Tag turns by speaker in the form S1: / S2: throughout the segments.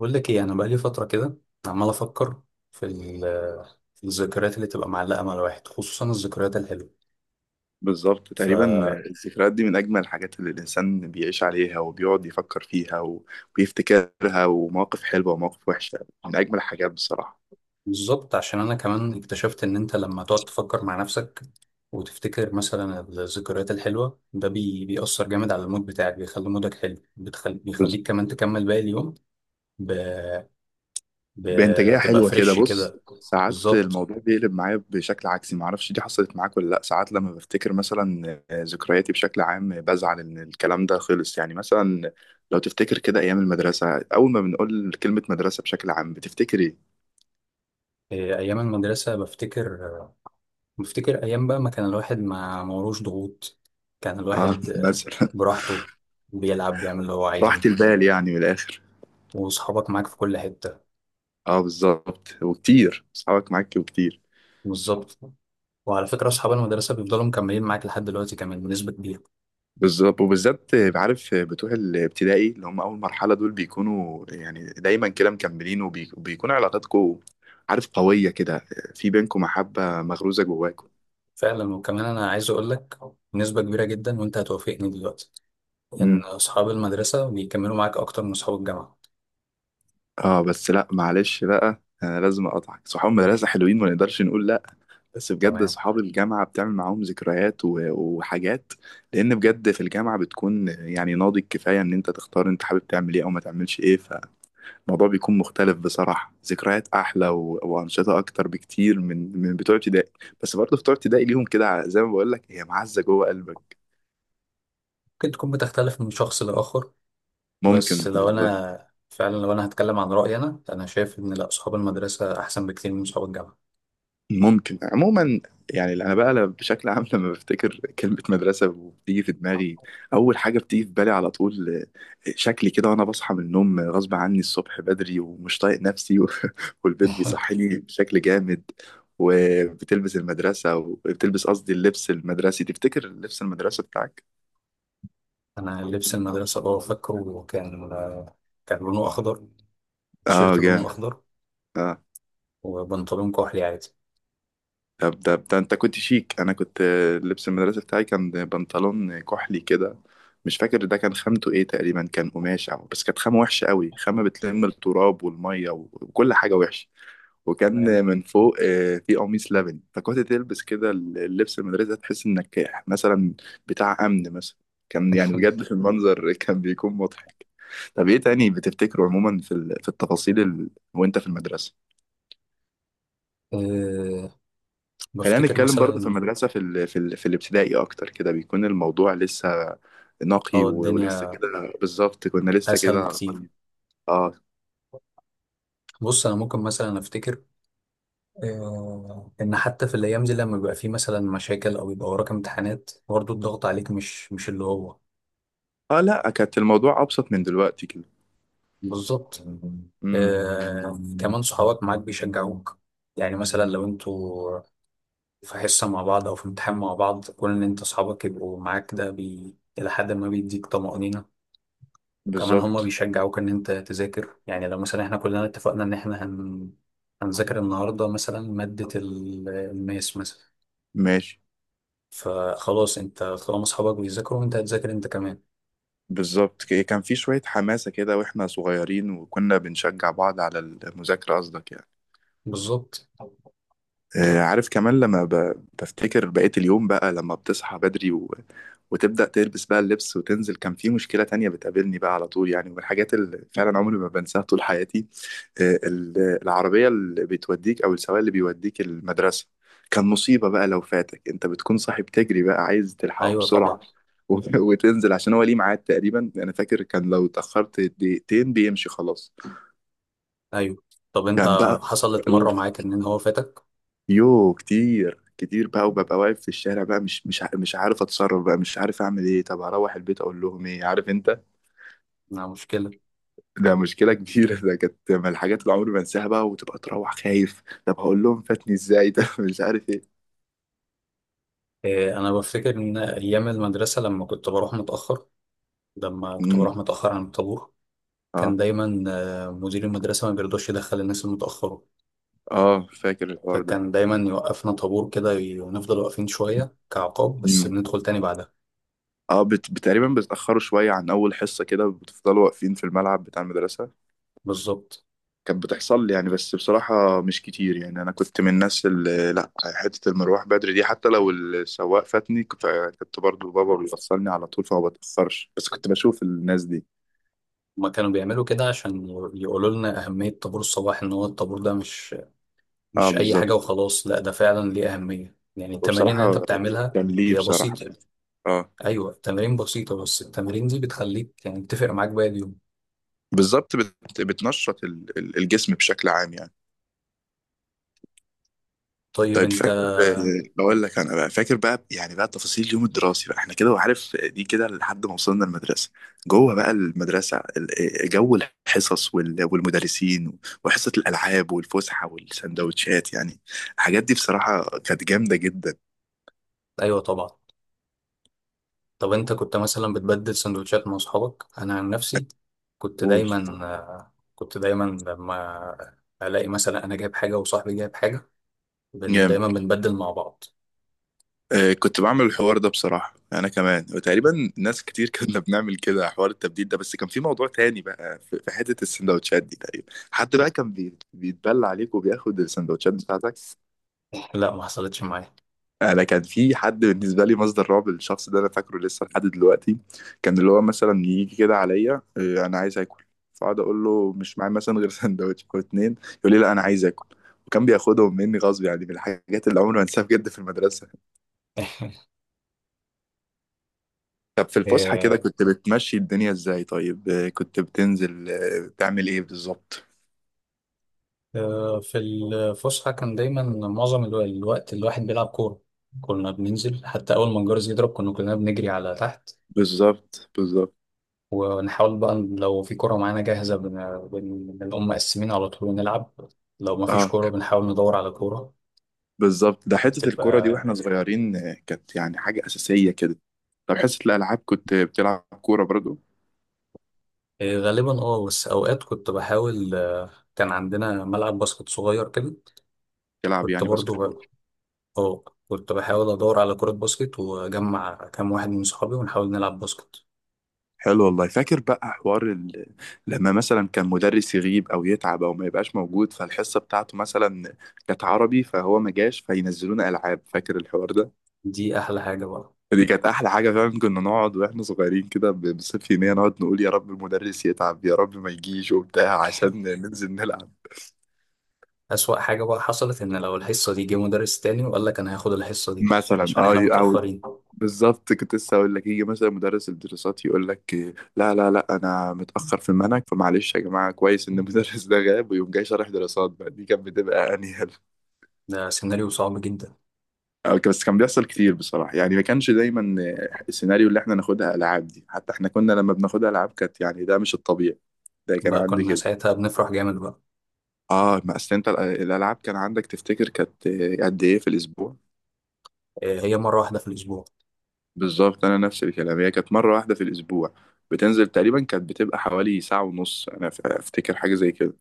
S1: بقول لك ايه، انا بقالي فتره كده عمال افكر في ال- في الذكريات اللي تبقى معلقه مع الواحد، خصوصا الذكريات الحلوه.
S2: بالظبط تقريبا.
S1: فبالظبط،
S2: الذكريات دي من أجمل الحاجات اللي الإنسان بيعيش عليها وبيقعد يفكر فيها ويفتكرها، ومواقف حلوة ومواقف وحشة، من أجمل الحاجات بصراحة.
S1: عشان انا كمان اكتشفت ان انت لما تقعد تفكر مع نفسك وتفتكر مثلا الذكريات الحلوه، ده بيأثر جامد على المود بتاعك، بيخلي مودك حلو،
S2: بز-
S1: بيخليك كمان تكمل باقي اليوم، ب...
S2: بإنتاجية
S1: بتبقى
S2: حلوة كده،
S1: فريش
S2: بص.
S1: كده.
S2: ساعات
S1: بالظبط.
S2: الموضوع بيقلب معايا بشكل عكسي، معرفش دي حصلت معاك ولا لأ. ساعات لما بفتكر مثلا ذكرياتي بشكل عام بزعل إن الكلام ده خلص، يعني مثلا لو تفتكر كده أيام المدرسة، أول ما بنقول كلمة مدرسة بشكل عام بتفتكر إيه؟
S1: إيه، ايام المدرسه بفتكر أيام بقى ما كان الواحد ما موروش ضغوط. كان
S2: اه
S1: الواحد
S2: مثلا.
S1: براحته، بيلعب، بيعمل اللي هو
S2: راحة
S1: عايزه،
S2: البال يعني من الآخر.
S1: وأصحابك معاك في كل حتة.
S2: اه بالظبط، وكتير اصحابك معاك وكتير.
S1: بالظبط. وعلى فكرة، أصحاب المدرسة بيفضلوا مكملين معاك لحد دلوقتي كمان بنسبة كبيرة.
S2: بالظبط، وبالذات عارف بتوع الابتدائي اللي هم اول مرحله، دول بيكونوا يعني دايما كده مكملين، وبيكون علاقاتكم عارف قويه كده، في بينكم محبه مغروزه جواكم.
S1: فعلا، وكمان أنا عايز أقول لك بنسبة كبيرة جدا، وأنت هتوافقني دلوقتي، إن
S2: امم.
S1: أصحاب المدرسة بيكملوا معاك أكتر من أصحاب الجامعة.
S2: اه بس لا، معلش بقى انا لازم اقطعك، صحاب المدرسه حلوين ما نقدرش نقول لا، بس بجد
S1: تمام.
S2: صحاب الجامعه بتعمل معاهم ذكريات وحاجات، لان بجد في الجامعه بتكون يعني ناضج كفايه ان انت تختار انت حابب تعمل ايه او ما تعملش ايه، الموضوع بيكون مختلف بصراحة، ذكريات أحلى وأنشطة أكتر بكتير من بتوع ابتدائي، بس برضه بتوع ابتدائي ليهم كده، زي ما بقول لك، هي معزة جوه قلبك.
S1: ممكن تكون بتختلف من شخص لآخر،
S2: ممكن.
S1: بس لو أنا فعلا، لو أنا هتكلم عن رأيي، أنا شايف إن لأ، أصحاب المدرسة أحسن بكتير من أصحاب الجامعة.
S2: ممكن عموما. يعني انا بقى بشكل عام لما بفتكر كلمه مدرسه وبتيجي في دماغي، اول حاجه بتيجي في بالي على طول شكلي كده وانا بصحى من النوم غصب عني الصبح بدري ومش طايق نفسي والبيت بيصحيني بشكل جامد، وبتلبس المدرسه وبتلبس، قصدي اللبس المدرسي، تفتكر لبس المدرسه بتاعك؟
S1: انا لبس المدرسه اه فاكره، كان لونه اخضر،
S2: اه
S1: تيشيرت لونه
S2: جامد.
S1: اخضر
S2: اه.
S1: وبنطلون كحلي عادي.
S2: طب ده انت كنت شيك، انا كنت لبس المدرسه بتاعي كان بنطلون كحلي كده، مش فاكر ده كان خامته ايه، تقريبا كان قماش او بس كانت خامه وحشه قوي، خامه بتلم التراب والميه وكل حاجه وحشه، وكان
S1: تمام.
S2: من فوق في قميص لبني، فكنت تلبس كده اللبس المدرسه تحس انك مثلا بتاع امن مثلا، كان يعني بجد في المنظر كان بيكون مضحك. طب ايه تاني بتفتكره عموما في في التفاصيل، وانت في المدرسه؟
S1: أه
S2: خلينا
S1: بفتكر
S2: نتكلم برضه في
S1: مثلا.
S2: المدرسة في في في الابتدائي أكتر كده، بيكون الموضوع لسه نقي
S1: اه،
S2: ولسه
S1: الدنيا
S2: كده بالظبط، كنا لسه
S1: اسهل
S2: كده
S1: بكتير.
S2: عارفين. اه.
S1: بص، انا ممكن مثلا افتكر ان حتى في الايام دي لما بيبقى فيه مثلا مشاكل او يبقى وراك امتحانات، برضه الضغط عليك مش اللي هو.
S2: اه لا، كانت الموضوع أبسط من دلوقتي كده.
S1: بالظبط.
S2: امم.
S1: كمان صحابك معاك بيشجعوك، يعني مثلا لو انتوا في حصة مع بعض أو في امتحان مع بعض، كون إن أنت أصحابك يبقوا معاك، ده إلى حد ما بيديك طمأنينة، وكمان هما
S2: بالظبط.
S1: بيشجعوك إن أنت تذاكر. يعني لو مثلا إحنا كلنا اتفقنا إن إحنا هنذاكر النهاردة مثلا مادة الماس مثلا،
S2: ماشي.
S1: فخلاص، أنت طالما أصحابك بيذاكروا أنت هتذاكر أنت كمان.
S2: بالظبط، كان في شوية حماسة كده واحنا صغيرين، وكنا بنشجع بعض على المذاكرة قصدك يعني.
S1: بالظبط.
S2: عارف كمان لما بفتكر بقية اليوم بقى، لما بتصحى بدري وتبدأ تلبس بقى اللبس وتنزل، كان في مشكلة تانية بتقابلني بقى على طول، يعني من الحاجات اللي فعلا عمري ما بنساها طول حياتي، العربية اللي بتوديك أو السواق اللي بيوديك المدرسة، كان مصيبة بقى لو فاتك، أنت بتكون صاحي بتجري بقى عايز تلحقه
S1: أيوه طبعا.
S2: بسرعة و... وتنزل عشان هو ليه ميعاد، تقريبا أنا فاكر كان لو اتأخرت دقيقتين بيمشي خلاص.
S1: أيوه. طب أنت،
S2: كان بقى
S1: حصلت مرة معاك إن هو فاتك؟
S2: كتير كتير بقى، وببقى واقف في الشارع بقى، مش عارف اتصرف بقى، مش عارف اعمل ايه، طب اروح البيت اقول لهم ايه، عارف انت،
S1: لا، مشكلة.
S2: ده مشكله كبيره، ده كانت من الحاجات اللي عمري ما انساها بقى، وتبقى تروح خايف، طب هقول لهم فاتني ازاي ده مش عارف ايه.
S1: إيه، أنا بفتكر إن أيام المدرسة لما كنت بروح متأخر، لما كنت
S2: مم.
S1: بروح متأخر عن الطابور، كان
S2: اه.
S1: دايما مدير المدرسة ما بيرضاش يدخل الناس المتأخرة.
S2: اه فاكر الحوار ده.
S1: فكان دايما يوقفنا طابور كده ونفضل واقفين شوية كعقاب، بس
S2: مم.
S1: بندخل تاني بعدها.
S2: اه تقريبا بتاخروا شويه عن اول حصه كده، بتفضلوا واقفين في الملعب بتاع المدرسه،
S1: بالظبط.
S2: كانت بتحصل لي يعني، بس بصراحة مش كتير، يعني أنا كنت من الناس اللي لأ، حتة المروح بدري دي حتى لو السواق فاتني كنت برضه بابا بيوصلني على طول فما بتأخرش، بس كنت بشوف الناس دي.
S1: هما كانوا بيعملوا كده عشان يقولوا لنا أهمية طابور الصباح، إن هو الطابور ده مش
S2: اه
S1: مش أي حاجة
S2: بالظبط.
S1: وخلاص. لا، ده فعلا ليه أهمية، يعني التمارين اللي أنت
S2: وبصراحة
S1: بتعملها
S2: كان ليه
S1: هي
S2: بصراحة.
S1: بسيطة.
S2: اه.
S1: أيوة، التمارين بسيطة بس التمارين دي بتخليك يعني بتفرق معاك باقي اليوم.
S2: بالظبط بتنشط الجسم بشكل عام يعني.
S1: طيب
S2: طيب
S1: أنت.
S2: فاكر بقول لك انا بقى فاكر بقى، يعني بقى تفاصيل اليوم الدراسي بقى احنا كده، وعارف دي كده لحد ما وصلنا المدرسه، جوه بقى المدرسه جو الحصص والمدرسين وحصه الالعاب والفسحه والسندوتشات يعني، الحاجات دي بصراحه كانت جامده جدا.
S1: أيوة طبعا. طب انت كنت مثلا بتبدل سندوتشات مع اصحابك؟ انا عن نفسي كنت
S2: قول.
S1: دايما كنت دايما لما الاقي مثلا انا جايب حاجه وصاحبي جايب حاجه،
S2: جامد،
S1: دايما بنبدل مع بعض.
S2: كنت بعمل الحوار ده بصراحه انا كمان، وتقريبا ناس كتير كنا بنعمل كده حوار التبديل ده، بس كان في موضوع تاني بقى في حته السندوتشات دي، تقريبا حد بقى كان بيتبلى عليك وبياخد السندوتشات بتاعتك.
S1: لا، ما حصلتش معايا.
S2: انا كان في حد بالنسبه لي مصدر رعب، الشخص ده انا فاكره لسه لحد دلوقتي، كان اللي هو مثلا يجي كده عليا انا عايز اكل، فاقعد اقول له مش معايا مثلا غير سندوتش او اتنين، يقول لي لا انا عايز اكل، وكان بياخدهم مني غصب، يعني من الحاجات اللي عمري ما انساها بجد في المدرسه. طب في الفسحه كده
S1: آه،
S2: كنت بتمشي الدنيا ازاي؟ طيب كنت بتنزل بتعمل ايه بالظبط؟
S1: في الفسحه كان دايما معظم الوقت الواحد بيلعب كوره. كنا بننزل حتى اول ما الجرس يضرب كنا كلنا بنجري على تحت،
S2: بالظبط بالظبط.
S1: ونحاول بقى لو في كوره معانا جاهزه بنقوم مقسمين على طول ونلعب، لو ما فيش
S2: اه
S1: كوره بنحاول ندور على كوره.
S2: بالظبط، ده حته الكوره دي
S1: بتبقى.
S2: واحنا صغيرين كانت يعني حاجه اساسيه كده. طب حصه الالعاب كنت بتلعب كوره برضو؟
S1: إيه، غالبا اه، بس اوقات كنت بحاول كان عندنا ملعب باسكت صغير كده.
S2: يلعب
S1: كنت
S2: يعني
S1: برضو
S2: باسكت بول.
S1: اه كنت بحاول ادور على كرة باسكت واجمع كام واحد من صحابي ونحاول نلعب باسكت.
S2: حلو والله، فاكر بقى حوار لما مثلا كان مدرس يغيب او يتعب او ما يبقاش موجود، فالحصه بتاعته مثلا كانت عربي فهو ما جاش فينزلونا العاب، فاكر الحوار ده؟
S1: دي احلى حاجة بقى.
S2: دي كانت احلى حاجه فعلا، كنا نقعد واحنا صغيرين كده بصفة يوميه نقعد نقول يا رب المدرس يتعب يا رب ما يجيش وبتاع عشان ننزل نلعب.
S1: اسوأ حاجة بقى حصلت ان لو الحصة دي جه مدرس تاني وقال لك انا هاخد الحصة دي
S2: مثلا
S1: عشان
S2: اه
S1: احنا
S2: او.
S1: متأخرين.
S2: بالظبط، كنت لسه اقول لك يجي مثلا مدرس الدراسات يقول لك لا لا لا انا متاخر في المنهج، فمعلش يا جماعه، كويس ان المدرس ده غاب ويقوم جاي شارح دراسات بقى، دي كانت بتبقى انيل.
S1: ده سيناريو صعب جدا.
S2: أو بس كان بيحصل كتير بصراحه يعني، ما كانش دايما السيناريو اللي احنا ناخدها العاب دي، حتى احنا كنا لما بناخدها العاب كانت يعني ده مش الطبيعي، ده كان
S1: بقى
S2: عندي
S1: كنا
S2: كده.
S1: ساعتها بنفرح جامد بقى.
S2: اه، ما اصل انت الالعاب كان عندك تفتكر كانت قد ايه في الاسبوع؟
S1: إيه، هي مرة واحدة في الاسبوع.
S2: بالظبط، انا نفس الكلام، هي كانت مره واحده في الاسبوع، بتنزل تقريبا كانت بتبقى حوالي ساعه ونص، انا افتكر حاجه زي كده.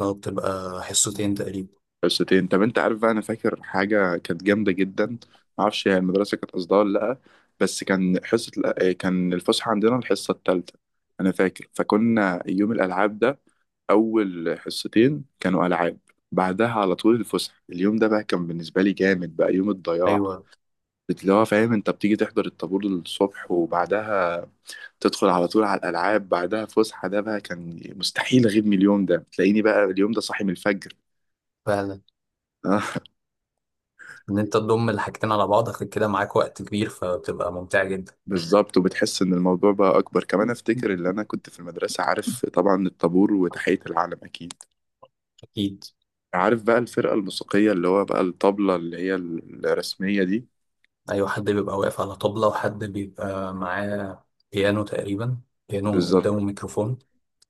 S1: لو بتبقى حصتين تقريبا.
S2: حصتين. طب انت عارف بقى، انا فاكر حاجه كانت جامده جدا، معرفش هي المدرسه كانت قصدها ولا لا، بس كان حصه كان الفسحه عندنا الحصه الثالثه انا فاكر، فكنا يوم الالعاب ده اول حصتين كانوا العاب، بعدها على طول الفسحه، اليوم ده بقى كان بالنسبه لي جامد بقى، يوم الضياع،
S1: ايوه.
S2: اللي هو فاهم انت بتيجي تحضر الطابور الصبح وبعدها تدخل على طول على الألعاب بعدها فسحة، ده بقى كان مستحيل أغيب من اليوم ده، تلاقيني بقى اليوم ده صاحي من الفجر.
S1: فعلا،
S2: آه.
S1: ان انت تضم الحاجتين على بعض اخد كده معاك وقت كبير فبتبقى ممتعة جدا.
S2: بالظبط، وبتحس إن الموضوع بقى أكبر كمان، أفتكر إن أنا كنت في المدرسة عارف طبعا الطابور وتحية العلم أكيد،
S1: اكيد.
S2: عارف بقى الفرقة الموسيقية اللي هو بقى الطبلة اللي هي الرسمية دي.
S1: ايوه، حد بيبقى واقف على طبلة وحد بيبقى معاه بيانو تقريبا، بيانو قدامه
S2: بالظبط
S1: ميكروفون.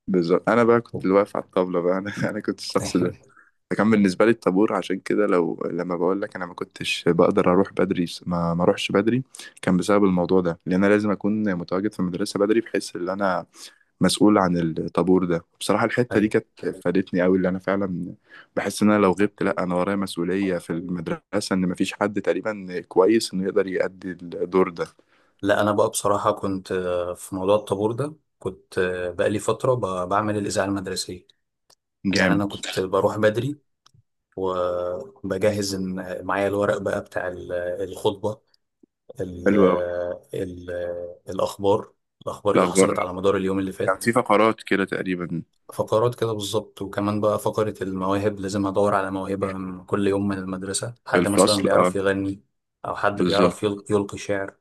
S2: بالظبط، أنا بقى كنت اللي واقف على الطبلة بقى، أنا أنا كنت الشخص ده، ده كان بالنسبة لي الطابور، عشان كده لو لما بقول لك انا ما كنتش بقدر اروح بدري، ما اروحش بدري كان بسبب الموضوع ده، لان انا لازم اكون متواجد في المدرسة بدري بحيث ان انا مسؤول عن الطابور ده، بصراحة الحتة دي
S1: ايوه.
S2: كانت فادتني قوي، اللي انا فعلا بحس ان انا لو غبت، لا انا ورايا مسؤولية في المدرسة، ان ما فيش حد تقريبا كويس انه يقدر يأدي الدور ده.
S1: لا، انا بقى بصراحة كنت في موضوع الطابور ده كنت بقالي فترة بعمل الإذاعة المدرسية. يعني
S2: جامد.
S1: انا كنت بروح بدري وبجهز معايا الورق بقى بتاع الخطبة، ال
S2: حلو قوي.
S1: ال الأخبار الأخبار اللي حصلت
S2: الاخبار.
S1: على مدار اليوم اللي
S2: كان
S1: فات.
S2: في فقرات كده تقريبا.
S1: فقرات كده بالظبط. وكمان بقى فقرة المواهب، لازم أدور على موهبة من كل يوم من المدرسة،
S2: في
S1: حد مثلا
S2: الفصل
S1: بيعرف
S2: اه.
S1: يغني أو حد
S2: بالظبط.
S1: بيعرف يلقي شعر.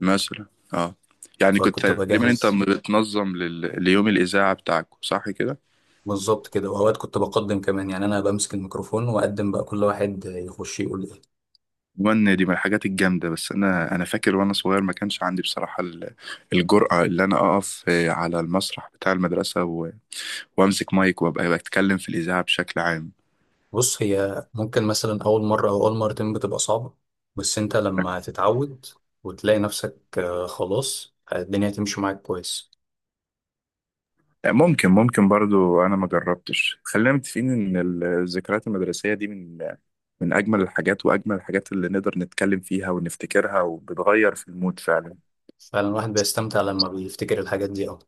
S2: مثلا. اه. يعني كنت
S1: فكنت
S2: تقريبا انت
S1: بجهز
S2: بتنظم ليوم الاذاعه بتاعك صح كده؟
S1: بالظبط كده، وأوقات كنت بقدم كمان، يعني أنا بمسك الميكروفون وأقدم بقى كل واحد يخش يقول إيه.
S2: وان دي من الحاجات الجامده، بس انا فاكر وانا صغير ما كانش عندي بصراحه الجرأه اللي انا اقف على المسرح بتاع المدرسه وامسك مايك وابقى بتكلم في الاذاعه بشكل عام.
S1: بص، هي ممكن مثلا أول مرة أو أول مرتين بتبقى صعبة، بس أنت لما تتعود وتلاقي نفسك خلاص الدنيا تمشي معاك كويس.
S2: آه، ممكن ممكن برضو، انا ما جربتش، خلينا متفقين ان الذكريات المدرسيه دي من اجمل الحاجات، واجمل الحاجات اللي نقدر نتكلم فيها ونفتكرها وبتغير في المود فعلا.
S1: فعلا، الواحد بيستمتع لما بيفتكر الحاجات دي أوي.